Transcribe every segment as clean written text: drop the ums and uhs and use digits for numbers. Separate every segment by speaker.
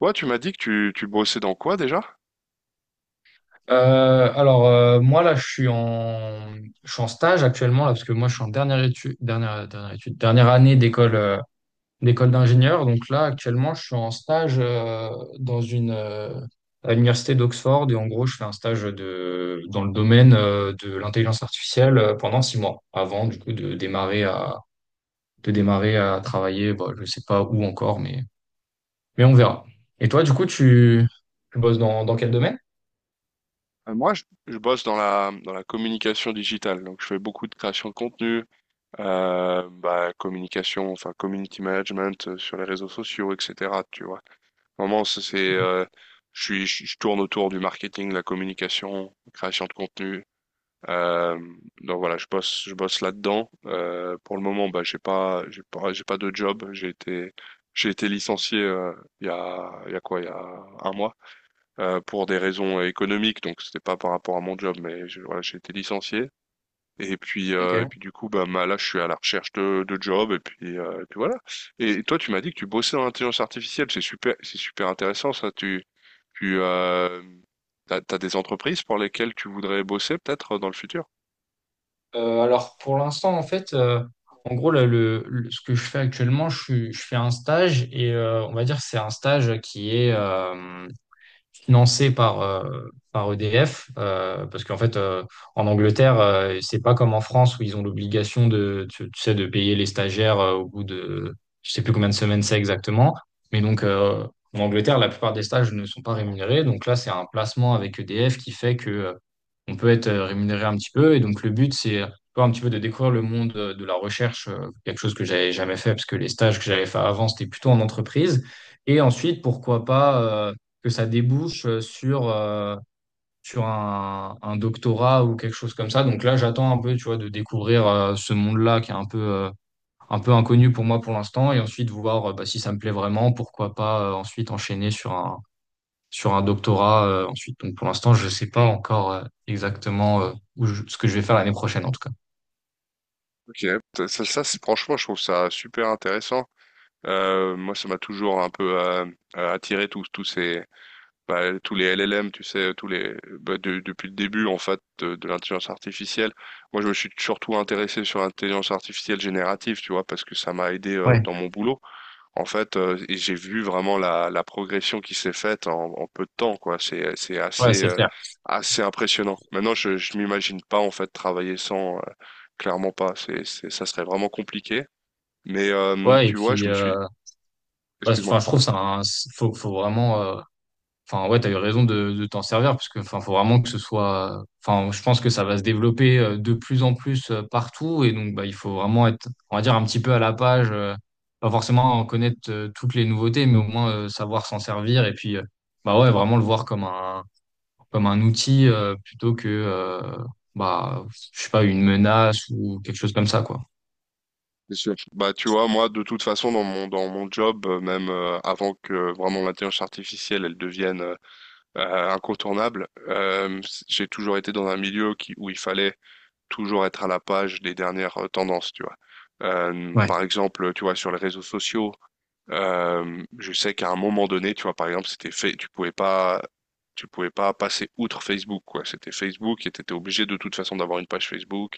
Speaker 1: Toi, tu m'as dit que tu bossais dans quoi déjà?
Speaker 2: Là, je suis en stage actuellement, là, parce que moi, je suis en dernière dernière année d'école d'ingénieur. Donc là, actuellement, je suis en stage, dans à l'université d'Oxford. Et en gros, je fais un dans le domaine, de l'intelligence artificielle, pendant 6 mois, avant, du coup, de démarrer à travailler. Bon, je sais pas où encore, mais on verra. Et toi, du coup, tu bosses dans quel domaine?
Speaker 1: Moi, je bosse dans la communication digitale. Donc, je fais beaucoup de création de contenu, communication, enfin, community management sur les réseaux sociaux, etc. Tu vois. Vraiment, ça, c'est, je tourne autour du marketing, la communication, création de contenu. Euh, donc voilà, je bosse là-dedans. Pour le moment, bah, j'ai pas de job. J'ai été licencié il y a, il y a un mois. Pour des raisons économiques, donc c'était pas par rapport à mon job, mais voilà, j'ai été licencié. Et puis,
Speaker 2: Ok.
Speaker 1: du coup, bah, là, je suis à la recherche de job, et puis, voilà. Et toi, tu m'as dit que tu bossais dans l'intelligence artificielle, c'est super intéressant ça. Tu, euh, t'as, t'as des entreprises pour lesquelles tu voudrais bosser peut-être dans le futur?
Speaker 2: Alors pour l'instant, en fait, en gros, là, ce que je fais actuellement, je fais un stage et on va dire que c'est un stage qui est, financé par EDF, parce qu'en fait, en Angleterre, c'est pas comme en France où ils ont l'obligation tu sais, de payer les stagiaires au je sais plus combien de semaines c'est exactement, mais en Angleterre, la plupart des stages ne sont pas rémunérés, donc là, c'est un placement avec EDF qui fait que on peut être rémunéré un petit peu, et donc le but, c'est tu vois, un petit peu de découvrir le monde de la recherche, quelque chose que j'avais jamais fait, parce que les stages que j'avais fait avant, c'était plutôt en entreprise. Et ensuite, pourquoi pas que ça débouche sur un doctorat ou quelque chose comme ça. Donc là, j'attends un peu, tu vois, de découvrir ce monde-là qui est un un peu inconnu pour moi pour l'instant et ensuite voir bah, si ça me plaît vraiment, pourquoi pas ensuite enchaîner sur un doctorat ensuite. Donc pour l'instant, je sais pas encore exactement ce que je vais faire l'année prochaine en tout cas.
Speaker 1: Ok, ça, franchement, je trouve ça super intéressant. Moi, ça m'a toujours un peu attiré tous ces bah, tous les LLM, tu sais, tous les bah, depuis le début en fait de l'intelligence artificielle. Moi, je me suis surtout intéressé sur l'intelligence artificielle générative, tu vois, parce que ça m'a aidé
Speaker 2: Ouais,
Speaker 1: dans mon boulot. En fait, et j'ai vu vraiment la, la progression qui s'est faite en, en peu de temps, quoi. C'est
Speaker 2: ouais,
Speaker 1: assez
Speaker 2: c'est clair.
Speaker 1: assez impressionnant. Maintenant, je m'imagine pas en fait travailler sans, clairement pas. C'est ça serait vraiment compliqué. Mais
Speaker 2: Ouais, et
Speaker 1: tu vois,
Speaker 2: puis, bah, enfin, je
Speaker 1: excuse-moi.
Speaker 2: trouve ça, faut vraiment. Enfin, ouais, t'as eu raison de t'en servir parce que, enfin, faut vraiment que ce soit. Enfin, je pense que ça va se développer de plus en plus partout et donc, bah, il faut vraiment être, on va dire, un petit peu à la page. Pas forcément en connaître toutes les nouveautés, mais au moins savoir s'en servir et puis, bah ouais, vraiment le voir comme un outil plutôt bah, je sais pas, une menace ou quelque chose comme ça, quoi.
Speaker 1: Bien sûr. Bah, tu vois, moi, de toute façon, dans mon job, même avant que vraiment l'intelligence artificielle, elle devienne incontournable, j'ai toujours été dans un milieu où il fallait toujours être à la page des dernières tendances, tu vois.
Speaker 2: Ouais.
Speaker 1: Par exemple, tu vois, sur les réseaux sociaux, je sais qu'à un moment donné, tu vois, par exemple, c'était fait, tu pouvais pas passer outre Facebook, quoi. C'était Facebook et t'étais obligé de toute façon d'avoir une page Facebook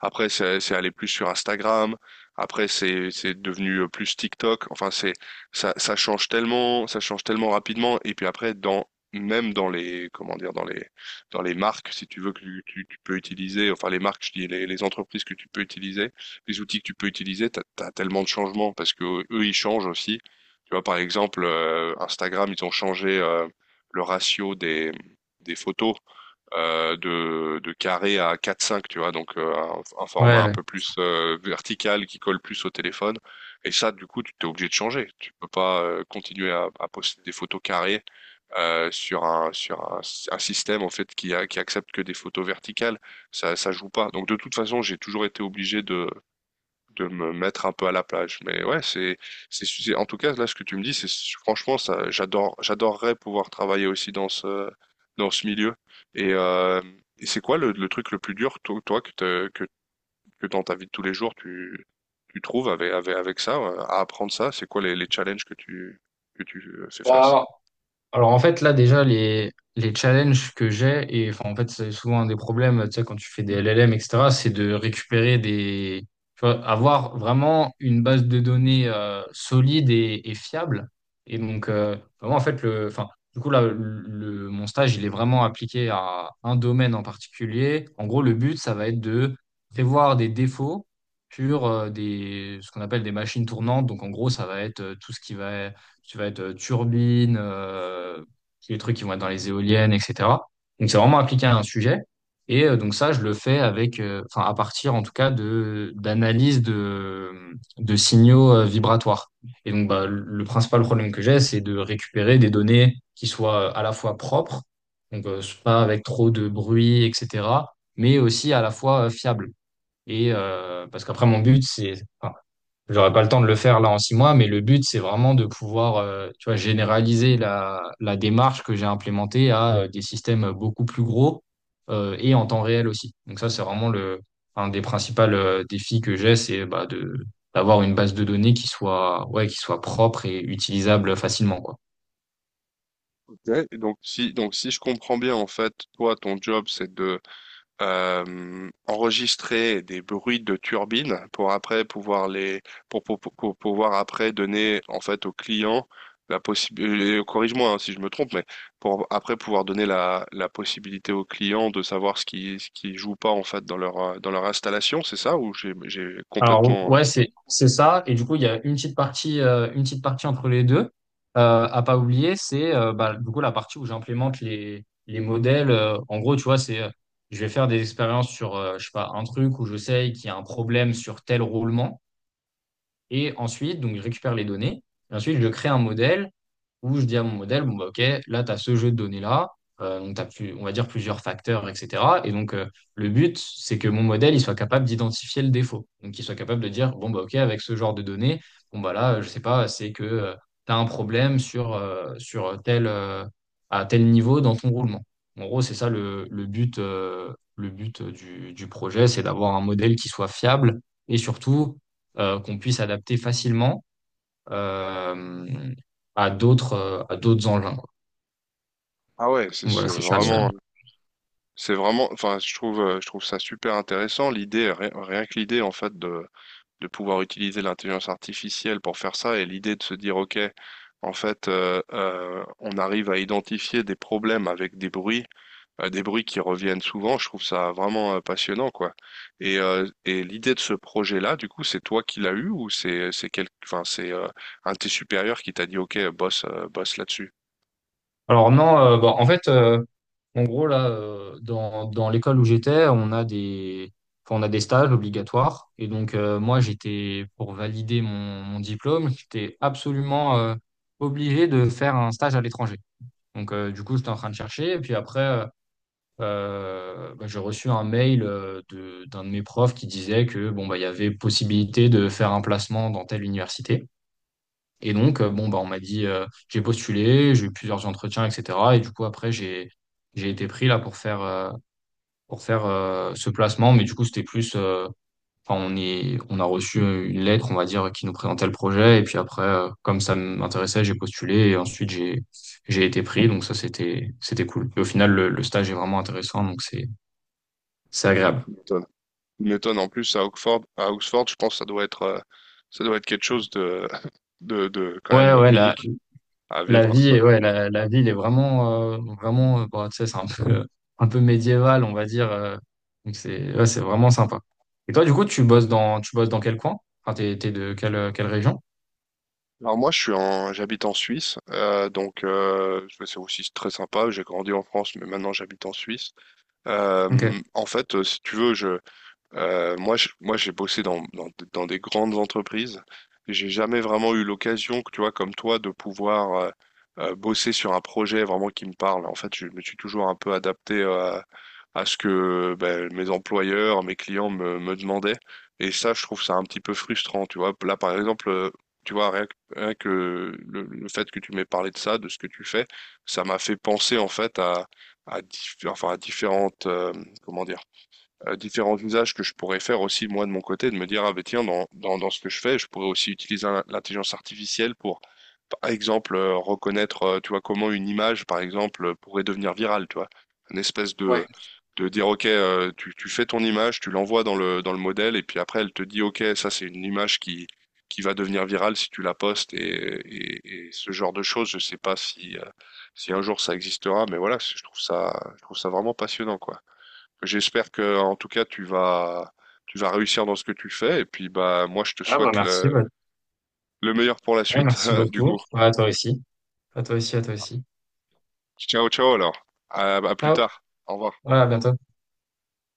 Speaker 1: après, c'est allé plus sur Instagram. Après, c'est devenu plus TikTok. Enfin, c'est ça change tellement, ça change tellement rapidement. Et puis après, dans même dans les comment dire dans les marques, si tu veux que tu peux utiliser, enfin les marques, je dis les entreprises que tu peux utiliser, les outils que tu peux utiliser, t'as tellement de changements parce que eux ils changent aussi. Tu vois, par exemple, Instagram, ils ont changé le ratio des photos de carré à quatre cinq tu vois, donc un
Speaker 2: Ouais.
Speaker 1: format un
Speaker 2: Ouais.
Speaker 1: peu plus vertical qui colle plus au téléphone. Et ça, du coup, tu t'es obligé de changer. Tu peux pas continuer à poster des photos carrées sur un système en fait qui accepte que des photos verticales. Ça joue pas. Donc de toute façon, j'ai toujours été obligé de me mettre un peu à la plage. Mais ouais, en tout cas, là, ce que tu me dis, c'est, franchement, ça, j'adore, j'adorerais pouvoir travailler aussi dans dans ce milieu. Et, euh, et c'est quoi le truc le plus dur, toi, toi, que, t'as- que dans ta vie de tous les jours, tu trouves avec, avec ça, à apprendre ça? C'est quoi les challenges que tu fais face?
Speaker 2: Bah, Alors en fait là déjà les challenges que j'ai et enfin en fait c'est souvent un des problèmes tu sais quand tu fais des LLM etc c'est de récupérer des tu vois, avoir vraiment une base de données solide et fiable et vraiment en fait le enfin du coup mon stage il est vraiment appliqué à un domaine en particulier, en gros le but ça va être de prévoir des défauts sur des ce qu'on appelle des machines tournantes, donc en gros ça va être tout ce qui va tu vas être turbine, les trucs qui vont être dans les éoliennes, etc. Donc c'est vraiment appliqué à un sujet. Et donc ça, je le fais avec, enfin à partir en tout cas de d'analyse de signaux vibratoires. Et donc bah, le principal problème que j'ai, c'est de récupérer des données qui soient à la fois propres, donc pas avec trop de bruit, etc. Mais aussi à la fois fiables. Et parce qu'après mon but, enfin, j'aurais pas le temps de le faire là en 6 mois, mais le but, c'est vraiment de pouvoir, tu vois, généraliser la démarche que j'ai implémentée à des systèmes beaucoup plus gros et en temps réel aussi. Donc ça, c'est vraiment un des principaux défis que j'ai, c'est d'avoir une base de données qui soit, ouais, qui soit propre et utilisable facilement, quoi.
Speaker 1: Ouais, et donc si je comprends bien en fait, toi ton job c'est de enregistrer des bruits de turbines pour après pouvoir les pour pouvoir après donner en fait au client la possibilité corrige-moi hein, si je me trompe mais pour après pouvoir donner la, la possibilité au client de savoir ce qui joue pas en fait dans leur installation, c'est ça ou j'ai
Speaker 2: Alors
Speaker 1: complètement
Speaker 2: ouais, c'est ça. Et du coup, il y a une petite partie entre les deux à pas oublier, c'est bah, du coup la partie où j'implémente les modèles. En gros, tu vois, c'est je vais faire des expériences sur je sais pas un truc où je sais qu'il y a un problème sur tel roulement. Et ensuite, donc, je récupère les données. Et ensuite, je crée un modèle où je dis à mon modèle, OK, là, tu as ce jeu de données-là. Donc, t'as plus, on va dire plusieurs facteurs, etc. Et donc, le but, c'est que mon modèle, il soit capable d'identifier le défaut. Donc, il soit capable de dire, OK, avec ce genre de données, là, je sais pas, c'est que tu as un problème sur tel, à tel niveau dans ton roulement. En gros, c'est ça le but du projet, c'est d'avoir un modèle qui soit fiable et surtout qu'on puisse adapter facilement euh, à d'autres engins, quoi.
Speaker 1: Ah ouais, c'est
Speaker 2: Donc
Speaker 1: c'est
Speaker 2: voilà, c'est ça.
Speaker 1: vraiment c'est vraiment enfin je trouve ça super intéressant l'idée rien que l'idée en fait de pouvoir utiliser l'intelligence artificielle pour faire ça et l'idée de se dire, OK, en fait, on arrive à identifier des problèmes avec des bruits qui reviennent souvent. Je trouve ça vraiment passionnant, quoi. Et l'idée de ce projet-là, du coup, c'est toi qui l'as eu ou c'est quel, enfin c'est un de tes supérieurs qui t'a dit, OK, bosse bosse là-dessus.
Speaker 2: Alors non, en fait, en gros, là, dans l'école où j'étais, enfin, on a des stages obligatoires. Et donc, moi, j'étais, pour valider mon diplôme, j'étais absolument obligé de faire un stage à l'étranger. Donc, du coup, j'étais en train de chercher. Et puis après, bah, j'ai reçu un mail d'un de mes profs qui disait que bon bah il y avait possibilité de faire un placement dans telle université. Et bon bah on m'a dit j'ai postulé, j'ai eu plusieurs entretiens, etc. Et du coup après j'ai été pris là pour faire ce placement, mais du coup c'était plus enfin, on a reçu une lettre on va dire qui nous présentait le projet et puis après comme ça m'intéressait j'ai postulé et ensuite j'ai été pris, donc ça c'était cool. Et au final le stage est vraiment intéressant donc c'est agréable.
Speaker 1: M'étonne m'étonnes. En plus à Oxford, je pense que ça doit être quelque chose de de quand
Speaker 2: Ouais,
Speaker 1: même unique à vivre.
Speaker 2: ouais, la ville est vraiment, vraiment, bon, tu sais, c'est un peu, un peu médiéval, on va dire. Donc c'est, ouais, c'est vraiment sympa. Et toi, du coup, tu bosses dans quel coin? Enfin, t'es de quelle région?
Speaker 1: Alors moi, j'habite en Suisse, donc c'est aussi très sympa. J'ai grandi en France, mais maintenant j'habite en Suisse.
Speaker 2: Ok.
Speaker 1: En fait, si tu veux, moi, j'ai bossé dans des grandes entreprises. J'ai jamais vraiment eu l'occasion, tu vois, comme toi, de pouvoir bosser sur un projet vraiment qui me parle. En fait, je me suis toujours un peu adapté à ce que ben, mes employeurs, mes clients me, me demandaient. Et ça, je trouve ça un petit peu frustrant, tu vois. Là, par exemple, tu vois, rien que le fait que tu m'aies parlé de ça, de ce que tu fais, ça m'a fait penser, en fait, enfin, à différentes, comment dire différents usages que je pourrais faire aussi moi de mon côté, de me dire, ah ben tiens, dans ce que je fais, je pourrais aussi utiliser l'intelligence artificielle pour, par exemple, reconnaître, tu vois, comment une image, par exemple, pourrait devenir virale, tu vois. Une espèce
Speaker 2: Ouais.
Speaker 1: de dire, ok, tu fais ton image, tu l'envoies dans dans le modèle, et puis après, elle te dit, ok, ça c'est une image qui va devenir virale si tu la postes, et, et ce genre de choses, je sais pas si, si un jour ça existera, mais voilà, je trouve ça vraiment passionnant, quoi. J'espère que, en tout cas, tu vas réussir dans ce que tu fais. Et puis, bah, moi, je te
Speaker 2: Ah bah
Speaker 1: souhaite
Speaker 2: merci, bah,
Speaker 1: le meilleur pour la
Speaker 2: ouais,
Speaker 1: suite,
Speaker 2: merci
Speaker 1: du
Speaker 2: beaucoup.
Speaker 1: coup.
Speaker 2: Ouais, à toi aussi. À toi aussi, à toi aussi.
Speaker 1: Ciao, ciao alors. À plus
Speaker 2: Ciao.
Speaker 1: tard. Au revoir.
Speaker 2: Ouais, à bientôt.